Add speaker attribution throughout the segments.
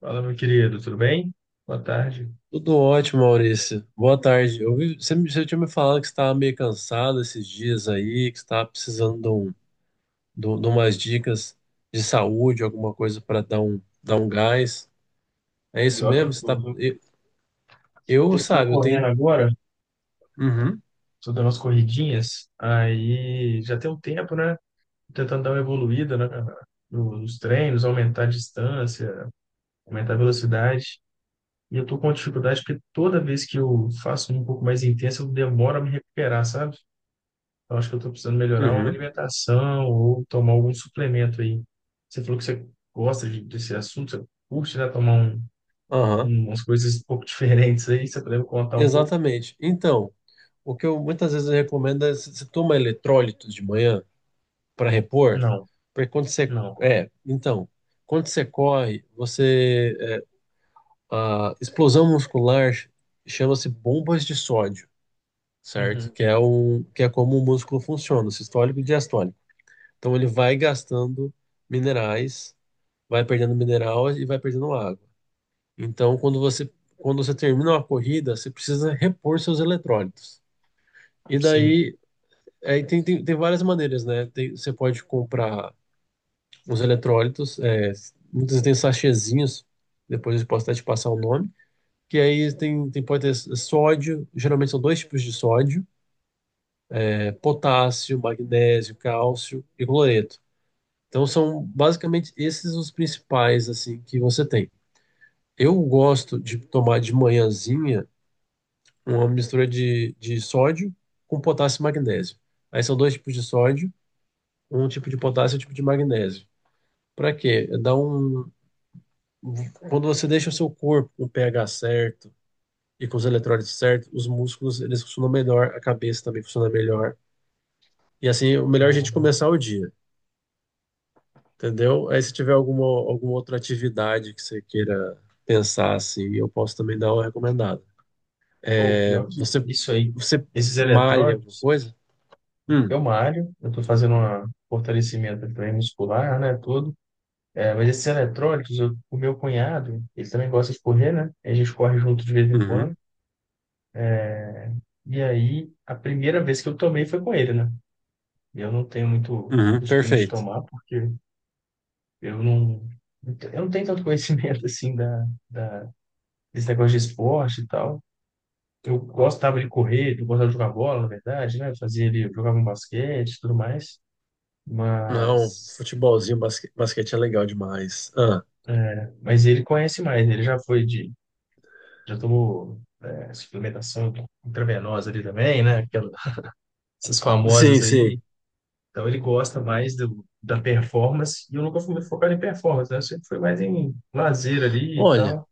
Speaker 1: Fala, meu querido, tudo bem? Boa tarde.
Speaker 2: Tudo ótimo, Maurício. Boa tarde. Eu vi, você tinha me falado que você estava meio cansado esses dias aí, que você estava precisando de, de umas dicas de saúde, alguma coisa para dar um gás. É isso
Speaker 1: Pior que
Speaker 2: mesmo?
Speaker 1: eu
Speaker 2: Você
Speaker 1: tô,
Speaker 2: tá?
Speaker 1: viu?
Speaker 2: Eu,
Speaker 1: Eu tô
Speaker 2: sabe, eu
Speaker 1: correndo
Speaker 2: tenho.
Speaker 1: agora,
Speaker 2: Uhum,
Speaker 1: tô dando umas corridinhas, aí já tem um tempo, né? Tentando dar uma evoluída né, nos treinos, aumentar a distância, aumentar a velocidade. E eu tô com dificuldade porque toda vez que eu faço um pouco mais intensa, eu demoro a me recuperar, sabe? Eu acho que eu tô precisando melhorar uma
Speaker 2: uhum,
Speaker 1: alimentação ou tomar algum suplemento aí. Você falou que você desse assunto, você curte, né? Tomar
Speaker 2: aham,
Speaker 1: umas coisas um pouco diferentes aí, você poderia me contar um pouco?
Speaker 2: exatamente. Então, o que eu muitas vezes eu recomendo é você toma eletrólito de manhã para repor,
Speaker 1: Não,
Speaker 2: porque quando você.
Speaker 1: não.
Speaker 2: Então, quando você corre, você. A explosão muscular chama-se bombas de sódio, certo?
Speaker 1: Uhum,
Speaker 2: Que é como o músculo funciona, sistólico e diastólico. Então ele vai gastando minerais, vai perdendo mineral e vai perdendo água. Então quando você termina uma corrida, você precisa repor seus eletrólitos. E
Speaker 1: sim.
Speaker 2: daí, aí tem várias maneiras, né? Você pode comprar os eletrólitos, muitas vezes tem sachêzinhos, depois eu posso até te passar o nome, que aí pode ter sódio, geralmente são dois tipos de sódio, potássio, magnésio, cálcio e cloreto. Então são basicamente esses os principais assim que você tem. Eu gosto de tomar de manhãzinha uma mistura de sódio com potássio e magnésio. Aí são dois tipos de sódio, um tipo de potássio e um tipo de magnésio. Para quê? Dá um Quando você deixa o seu corpo com o pH certo, e com os eletrólitos certos, os músculos eles funcionam melhor, a cabeça também funciona melhor. E assim, o melhor é a gente
Speaker 1: Ah,
Speaker 2: começar o dia, entendeu? Aí se tiver alguma, alguma outra atividade que você queira pensar assim, eu posso também dar uma recomendada.
Speaker 1: ou
Speaker 2: É,
Speaker 1: pior que
Speaker 2: você
Speaker 1: isso aí,
Speaker 2: você
Speaker 1: esses
Speaker 2: malha alguma
Speaker 1: eletrônicos,
Speaker 2: coisa? Hum,
Speaker 1: eu malho, eu tô fazendo um fortalecimento de treino muscular, né, tudo. É, mas esses eletrônicos, o meu cunhado, ele também gosta de correr, né? A gente corre junto de vez em
Speaker 2: uhum,
Speaker 1: quando. E aí, a primeira vez que eu tomei foi com ele, né? Eu não tenho muito
Speaker 2: uhum,
Speaker 1: costume de
Speaker 2: perfeito.
Speaker 1: tomar, porque eu não, eu não tenho tanto conhecimento, assim, da, esse negócio de esporte e tal. Eu gostava de correr, eu gostava de jogar bola, na verdade, né? Eu fazia ele, eu jogava um basquete e tudo mais.
Speaker 2: Não,
Speaker 1: Mas,
Speaker 2: futebolzinho, basquete é legal demais. Ah,
Speaker 1: mas ele conhece mais, ele já foi de, já tomou é, suplementação intravenosa ali também, né? Aquelas, essas
Speaker 2: sim,
Speaker 1: famosas
Speaker 2: sim.
Speaker 1: aí. Então ele gosta mais do, da performance, e eu nunca fui muito focado em performance, né? Eu sempre fui mais em lazer ali e
Speaker 2: Olha,
Speaker 1: tal.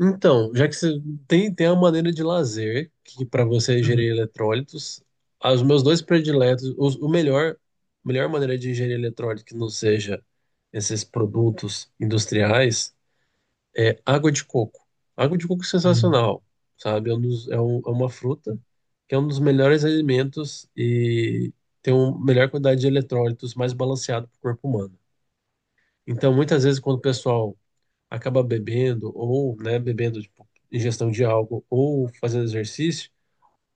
Speaker 2: então, já que você tem a maneira de lazer, que para você é
Speaker 1: Uhum,
Speaker 2: ingerir eletrólitos, os meus dois prediletos, melhor maneira de ingerir eletrólito que não seja esses produtos industriais é água de coco. Água de coco é
Speaker 1: sim.
Speaker 2: sensacional, sabe? É uma fruta que é um dos melhores alimentos e tem uma melhor quantidade de eletrólitos, mais balanceado para o corpo humano. Então, muitas vezes, quando o pessoal acaba bebendo, ou, né, bebendo, tipo, ingestão de álcool, ou fazendo exercício,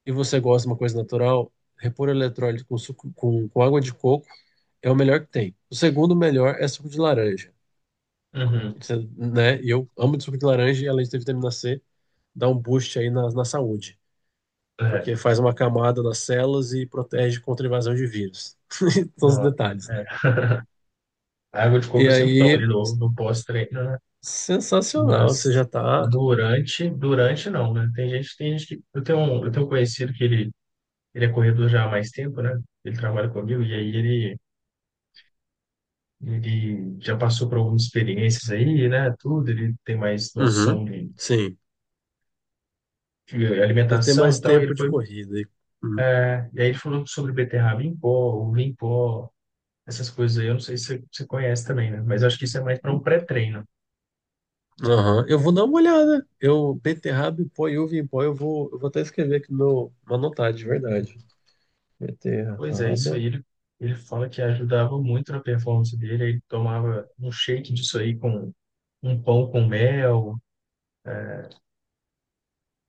Speaker 2: e você gosta de uma coisa natural, repor eletrólito com suco, com água de coco é o melhor que tem. O segundo melhor é suco de laranja.
Speaker 1: Uhum.
Speaker 2: Né? E eu amo de suco de laranja, e além de ter vitamina C, dá um boost aí na saúde,
Speaker 1: É,
Speaker 2: porque faz uma camada nas células e protege contra a invasão de vírus. Todos os
Speaker 1: não,
Speaker 2: detalhes,
Speaker 1: é.
Speaker 2: né?
Speaker 1: A água de coco
Speaker 2: E
Speaker 1: eu sempre tomo ali
Speaker 2: aí,
Speaker 1: no, no pós-treino, né?
Speaker 2: sensacional, você
Speaker 1: Mas
Speaker 2: já tá.
Speaker 1: durante, durante não, né? Tem gente que. Eu tenho um conhecido que ele é corredor já há mais tempo, né? Ele trabalha comigo e aí ele já passou por algumas experiências aí, né? Tudo, ele tem mais
Speaker 2: Uhum,
Speaker 1: noção
Speaker 2: sim.
Speaker 1: de
Speaker 2: Eu tenho
Speaker 1: alimentação
Speaker 2: mais
Speaker 1: e tal. E ele
Speaker 2: tempo de
Speaker 1: foi,
Speaker 2: corrida. Uhum.
Speaker 1: né? E aí ele falou sobre beterraba em pó, uva em pó, essas coisas aí. Eu não sei se você, você conhece também, né? Mas acho que isso é mais para um pré-treino.
Speaker 2: Aham. Eu vou dar uma olhada. Eu, beterraba em pó e uva em pó, eu vou até escrever aqui no, uma notada, de verdade.
Speaker 1: Pois é, isso aí
Speaker 2: Beterraba.
Speaker 1: ele fala que ajudava muito na performance dele. Ele tomava um shake disso aí com um pão com mel,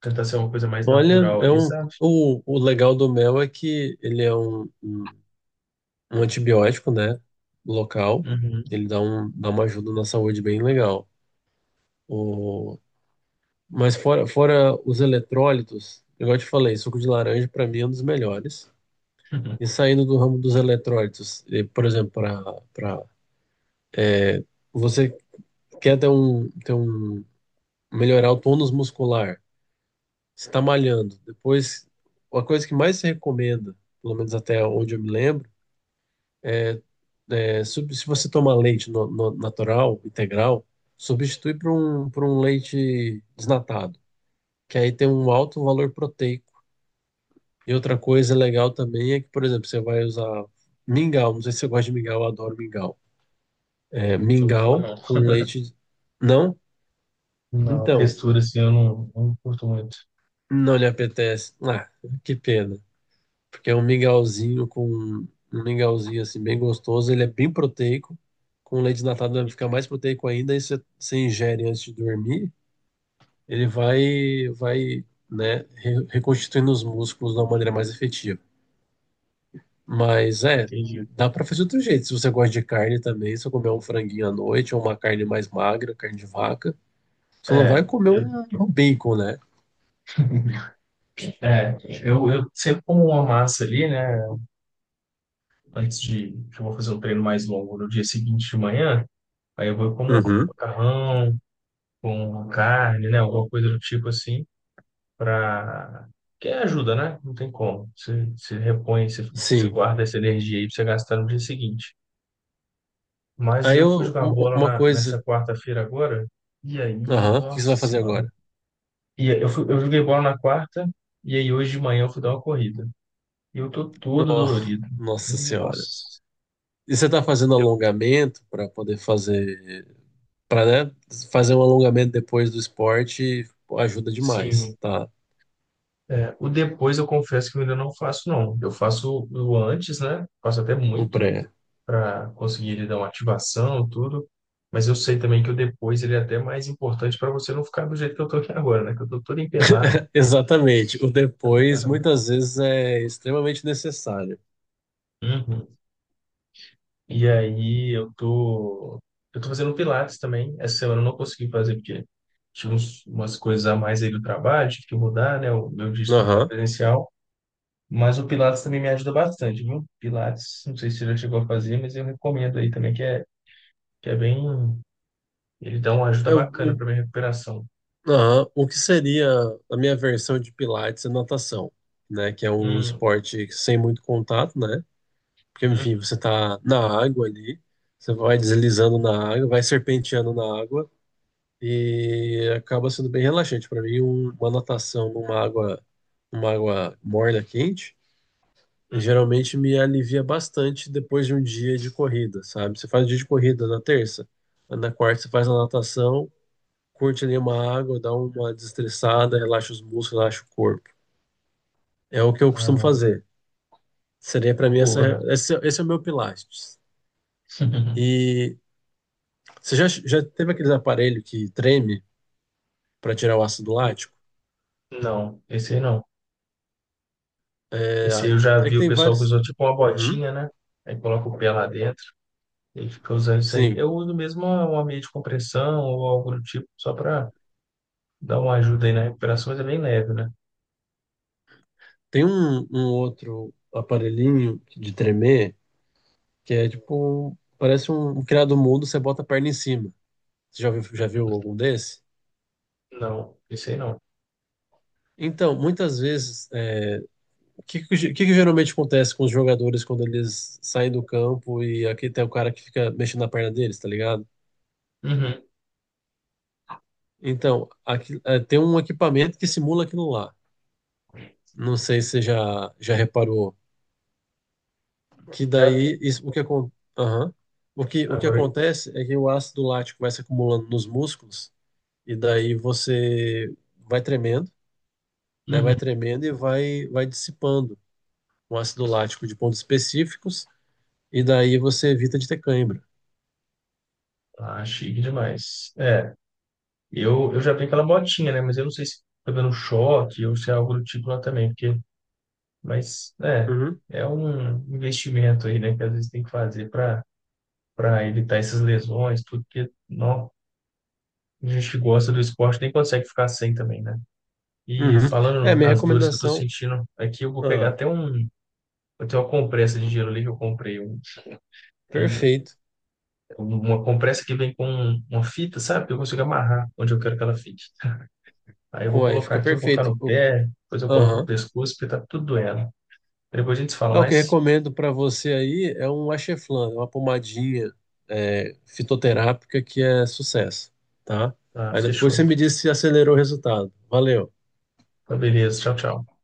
Speaker 1: tentar ser uma coisa mais
Speaker 2: Olha,
Speaker 1: natural ali, sabe?
Speaker 2: o legal do mel é que ele é um antibiótico, né? Local.
Speaker 1: Uhum.
Speaker 2: Ele dá uma ajuda na saúde bem legal. O, mas fora os eletrólitos, igual eu te falei, suco de laranja para mim é um dos melhores. E saindo do ramo dos eletrólitos, e, por exemplo, para você quer ter um melhorar o tônus muscular, você está malhando. Depois, a coisa que mais se recomenda, pelo menos até onde eu me lembro, é se você tomar leite natural, integral, substitui por um leite desnatado, que aí tem um alto valor proteico. E outra coisa legal também é que, por exemplo, você vai usar mingau, não sei se você gosta de mingau, eu adoro mingau. É,
Speaker 1: Sou muito fã,
Speaker 2: mingau
Speaker 1: não.
Speaker 2: com leite não.
Speaker 1: Não,
Speaker 2: Então,
Speaker 1: textura assim eu não, não curto muito.
Speaker 2: não lhe apetece. Ah, que pena. Porque é um mingauzinho com um mingauzinho assim bem gostoso, ele é bem proteico. Com leite desnatado vai ficar mais proteico ainda, e se você ingere antes de dormir, ele vai, né, reconstituindo os músculos de uma maneira mais efetiva. Mas
Speaker 1: Ah,
Speaker 2: é,
Speaker 1: entendi.
Speaker 2: dá para fazer de outro jeito. Se você gosta de carne também, se você comer um franguinho à noite ou uma carne mais magra, carne de vaca, você não vai
Speaker 1: É,
Speaker 2: comer
Speaker 1: eu,
Speaker 2: um bacon, né?
Speaker 1: é, eu sempre como uma massa ali, né? Antes de que eu vou fazer um treino mais longo no dia seguinte de manhã, aí eu vou como um
Speaker 2: Uhum.
Speaker 1: macarrão, com carne, né? Alguma coisa do tipo assim, pra. Que ajuda, né? Não tem como. Você, você repõe, você, você
Speaker 2: Sim.
Speaker 1: guarda essa energia aí pra você gastar no dia seguinte. Mas
Speaker 2: Aí
Speaker 1: eu fui
Speaker 2: eu,
Speaker 1: jogar bola
Speaker 2: uma coisa.
Speaker 1: nessa quarta-feira agora, e aí,
Speaker 2: Aham, o que
Speaker 1: nossa
Speaker 2: você vai fazer
Speaker 1: senhora.
Speaker 2: agora?
Speaker 1: E eu joguei bola na quarta, e aí hoje de manhã eu fui dar uma corrida. E eu tô todo
Speaker 2: Oh,
Speaker 1: dolorido.
Speaker 2: nossa senhora.
Speaker 1: Nossa.
Speaker 2: E você tá fazendo
Speaker 1: Eu,
Speaker 2: alongamento para poder fazer? Para, né? Fazer um alongamento depois do esporte ajuda
Speaker 1: sim.
Speaker 2: demais, tá?
Speaker 1: É, o depois eu confesso que eu ainda não faço, não. Eu faço o antes, né? Faço até
Speaker 2: O
Speaker 1: muito
Speaker 2: pré.
Speaker 1: para conseguir ele dar uma ativação, tudo. Mas eu sei também que o depois ele é até mais importante para você não ficar do jeito que eu tô aqui agora, né? Que eu tô todo empenado.
Speaker 2: Exatamente. O depois muitas vezes é extremamente necessário.
Speaker 1: Uhum. E aí eu tô fazendo Pilates também. Essa semana eu não consegui fazer porque umas coisas a mais aí do trabalho, tive que mudar, né? O meu dia de trabalho
Speaker 2: Aham.
Speaker 1: presencial. Mas o Pilates também me ajuda bastante, viu? Pilates, não sei se você já chegou a fazer, mas eu recomendo aí também, que é bem. Ele dá uma ajuda
Speaker 2: É
Speaker 1: bacana
Speaker 2: o,
Speaker 1: para minha recuperação.
Speaker 2: aham. O que seria a minha versão de pilates e natação, né? Que é um
Speaker 1: Hum,
Speaker 2: esporte sem muito contato, né? Porque,
Speaker 1: hum,
Speaker 2: enfim, você tá na água ali, você vai deslizando na água, vai serpenteando na água e acaba sendo bem relaxante. Para mim, uma natação numa água morna, quente,
Speaker 1: hum.
Speaker 2: geralmente me alivia bastante depois de um dia de corrida, sabe? Você faz um dia de corrida na terça, na quarta você faz a natação, curte ali uma água, dá uma desestressada, relaxa os músculos, relaxa o corpo. É o que eu costumo
Speaker 1: Não,
Speaker 2: fazer. Seria para
Speaker 1: uma
Speaker 2: mim essa,
Speaker 1: boa, né?
Speaker 2: esse, esse é o meu pilates. E você já teve aqueles aparelho que treme para tirar o ácido lático?
Speaker 1: Não, esse aí não.
Speaker 2: É,
Speaker 1: Esse aí eu já
Speaker 2: é
Speaker 1: vi
Speaker 2: que
Speaker 1: o
Speaker 2: tem
Speaker 1: pessoal que
Speaker 2: vários.
Speaker 1: usou tipo uma
Speaker 2: Uhum.
Speaker 1: botinha, né? Aí coloca o pé lá dentro. Ele fica usando isso aí.
Speaker 2: Sim.
Speaker 1: Eu uso mesmo uma meia de compressão ou algo do tipo, só para dar uma ajuda aí na recuperação, mas é bem leve, né?
Speaker 2: Tem um outro aparelhinho de tremer que é tipo. Parece um criado mudo, você bota a perna em cima. Você já viu algum desse?
Speaker 1: Não, isso aí não.
Speaker 2: Então, muitas vezes, o que que geralmente acontece com os jogadores quando eles saem do campo e aqui tem o cara que fica mexendo na perna deles, tá ligado?
Speaker 1: Uhum,
Speaker 2: Então, tem um equipamento que simula aquilo lá. Não sei se você já reparou que
Speaker 1: já
Speaker 2: daí
Speaker 1: vi.
Speaker 2: isso, aham. O que
Speaker 1: Agora,
Speaker 2: acontece é que o ácido lático vai se acumulando nos músculos e daí você vai tremendo, né?
Speaker 1: uhum.
Speaker 2: Vai tremendo e vai dissipando o ácido lático de pontos específicos e daí você evita de ter cãibra.
Speaker 1: Ah, chique demais. Eu já vi aquela botinha, né? Mas eu não sei se tá dando choque ou se é algo do tipo lá também, porque, mas, é,
Speaker 2: Uhum,
Speaker 1: é um investimento aí, né? Que às vezes tem que fazer para evitar essas lesões, tudo, porque, não, a gente que gosta do esporte nem consegue ficar sem também, né? E
Speaker 2: uhum. É,
Speaker 1: falando
Speaker 2: minha
Speaker 1: das dores que eu tô
Speaker 2: recomendação.
Speaker 1: sentindo, aqui eu vou pegar
Speaker 2: Ah,
Speaker 1: até um. Eu tenho uma compressa de gelo ali que eu comprei.
Speaker 2: perfeito.
Speaker 1: Uma compressa que vem com uma fita, sabe? Que eu consigo amarrar onde eu quero que ela fique. Aí eu vou
Speaker 2: Pô, aí
Speaker 1: colocar
Speaker 2: fica
Speaker 1: aqui, eu vou colocar
Speaker 2: perfeito.
Speaker 1: no pé, depois eu coloco no
Speaker 2: Aham.
Speaker 1: pescoço, porque tá tudo doendo. Depois a gente se fala,
Speaker 2: É, o que eu
Speaker 1: mais.
Speaker 2: recomendo para você aí é um Acheflan, uma pomadinha fitoterápica que é sucesso, tá?
Speaker 1: Ah,
Speaker 2: Aí depois você
Speaker 1: fechou.
Speaker 2: me diz se acelerou o resultado. Valeu.
Speaker 1: Tá beleza, tchau, tchau.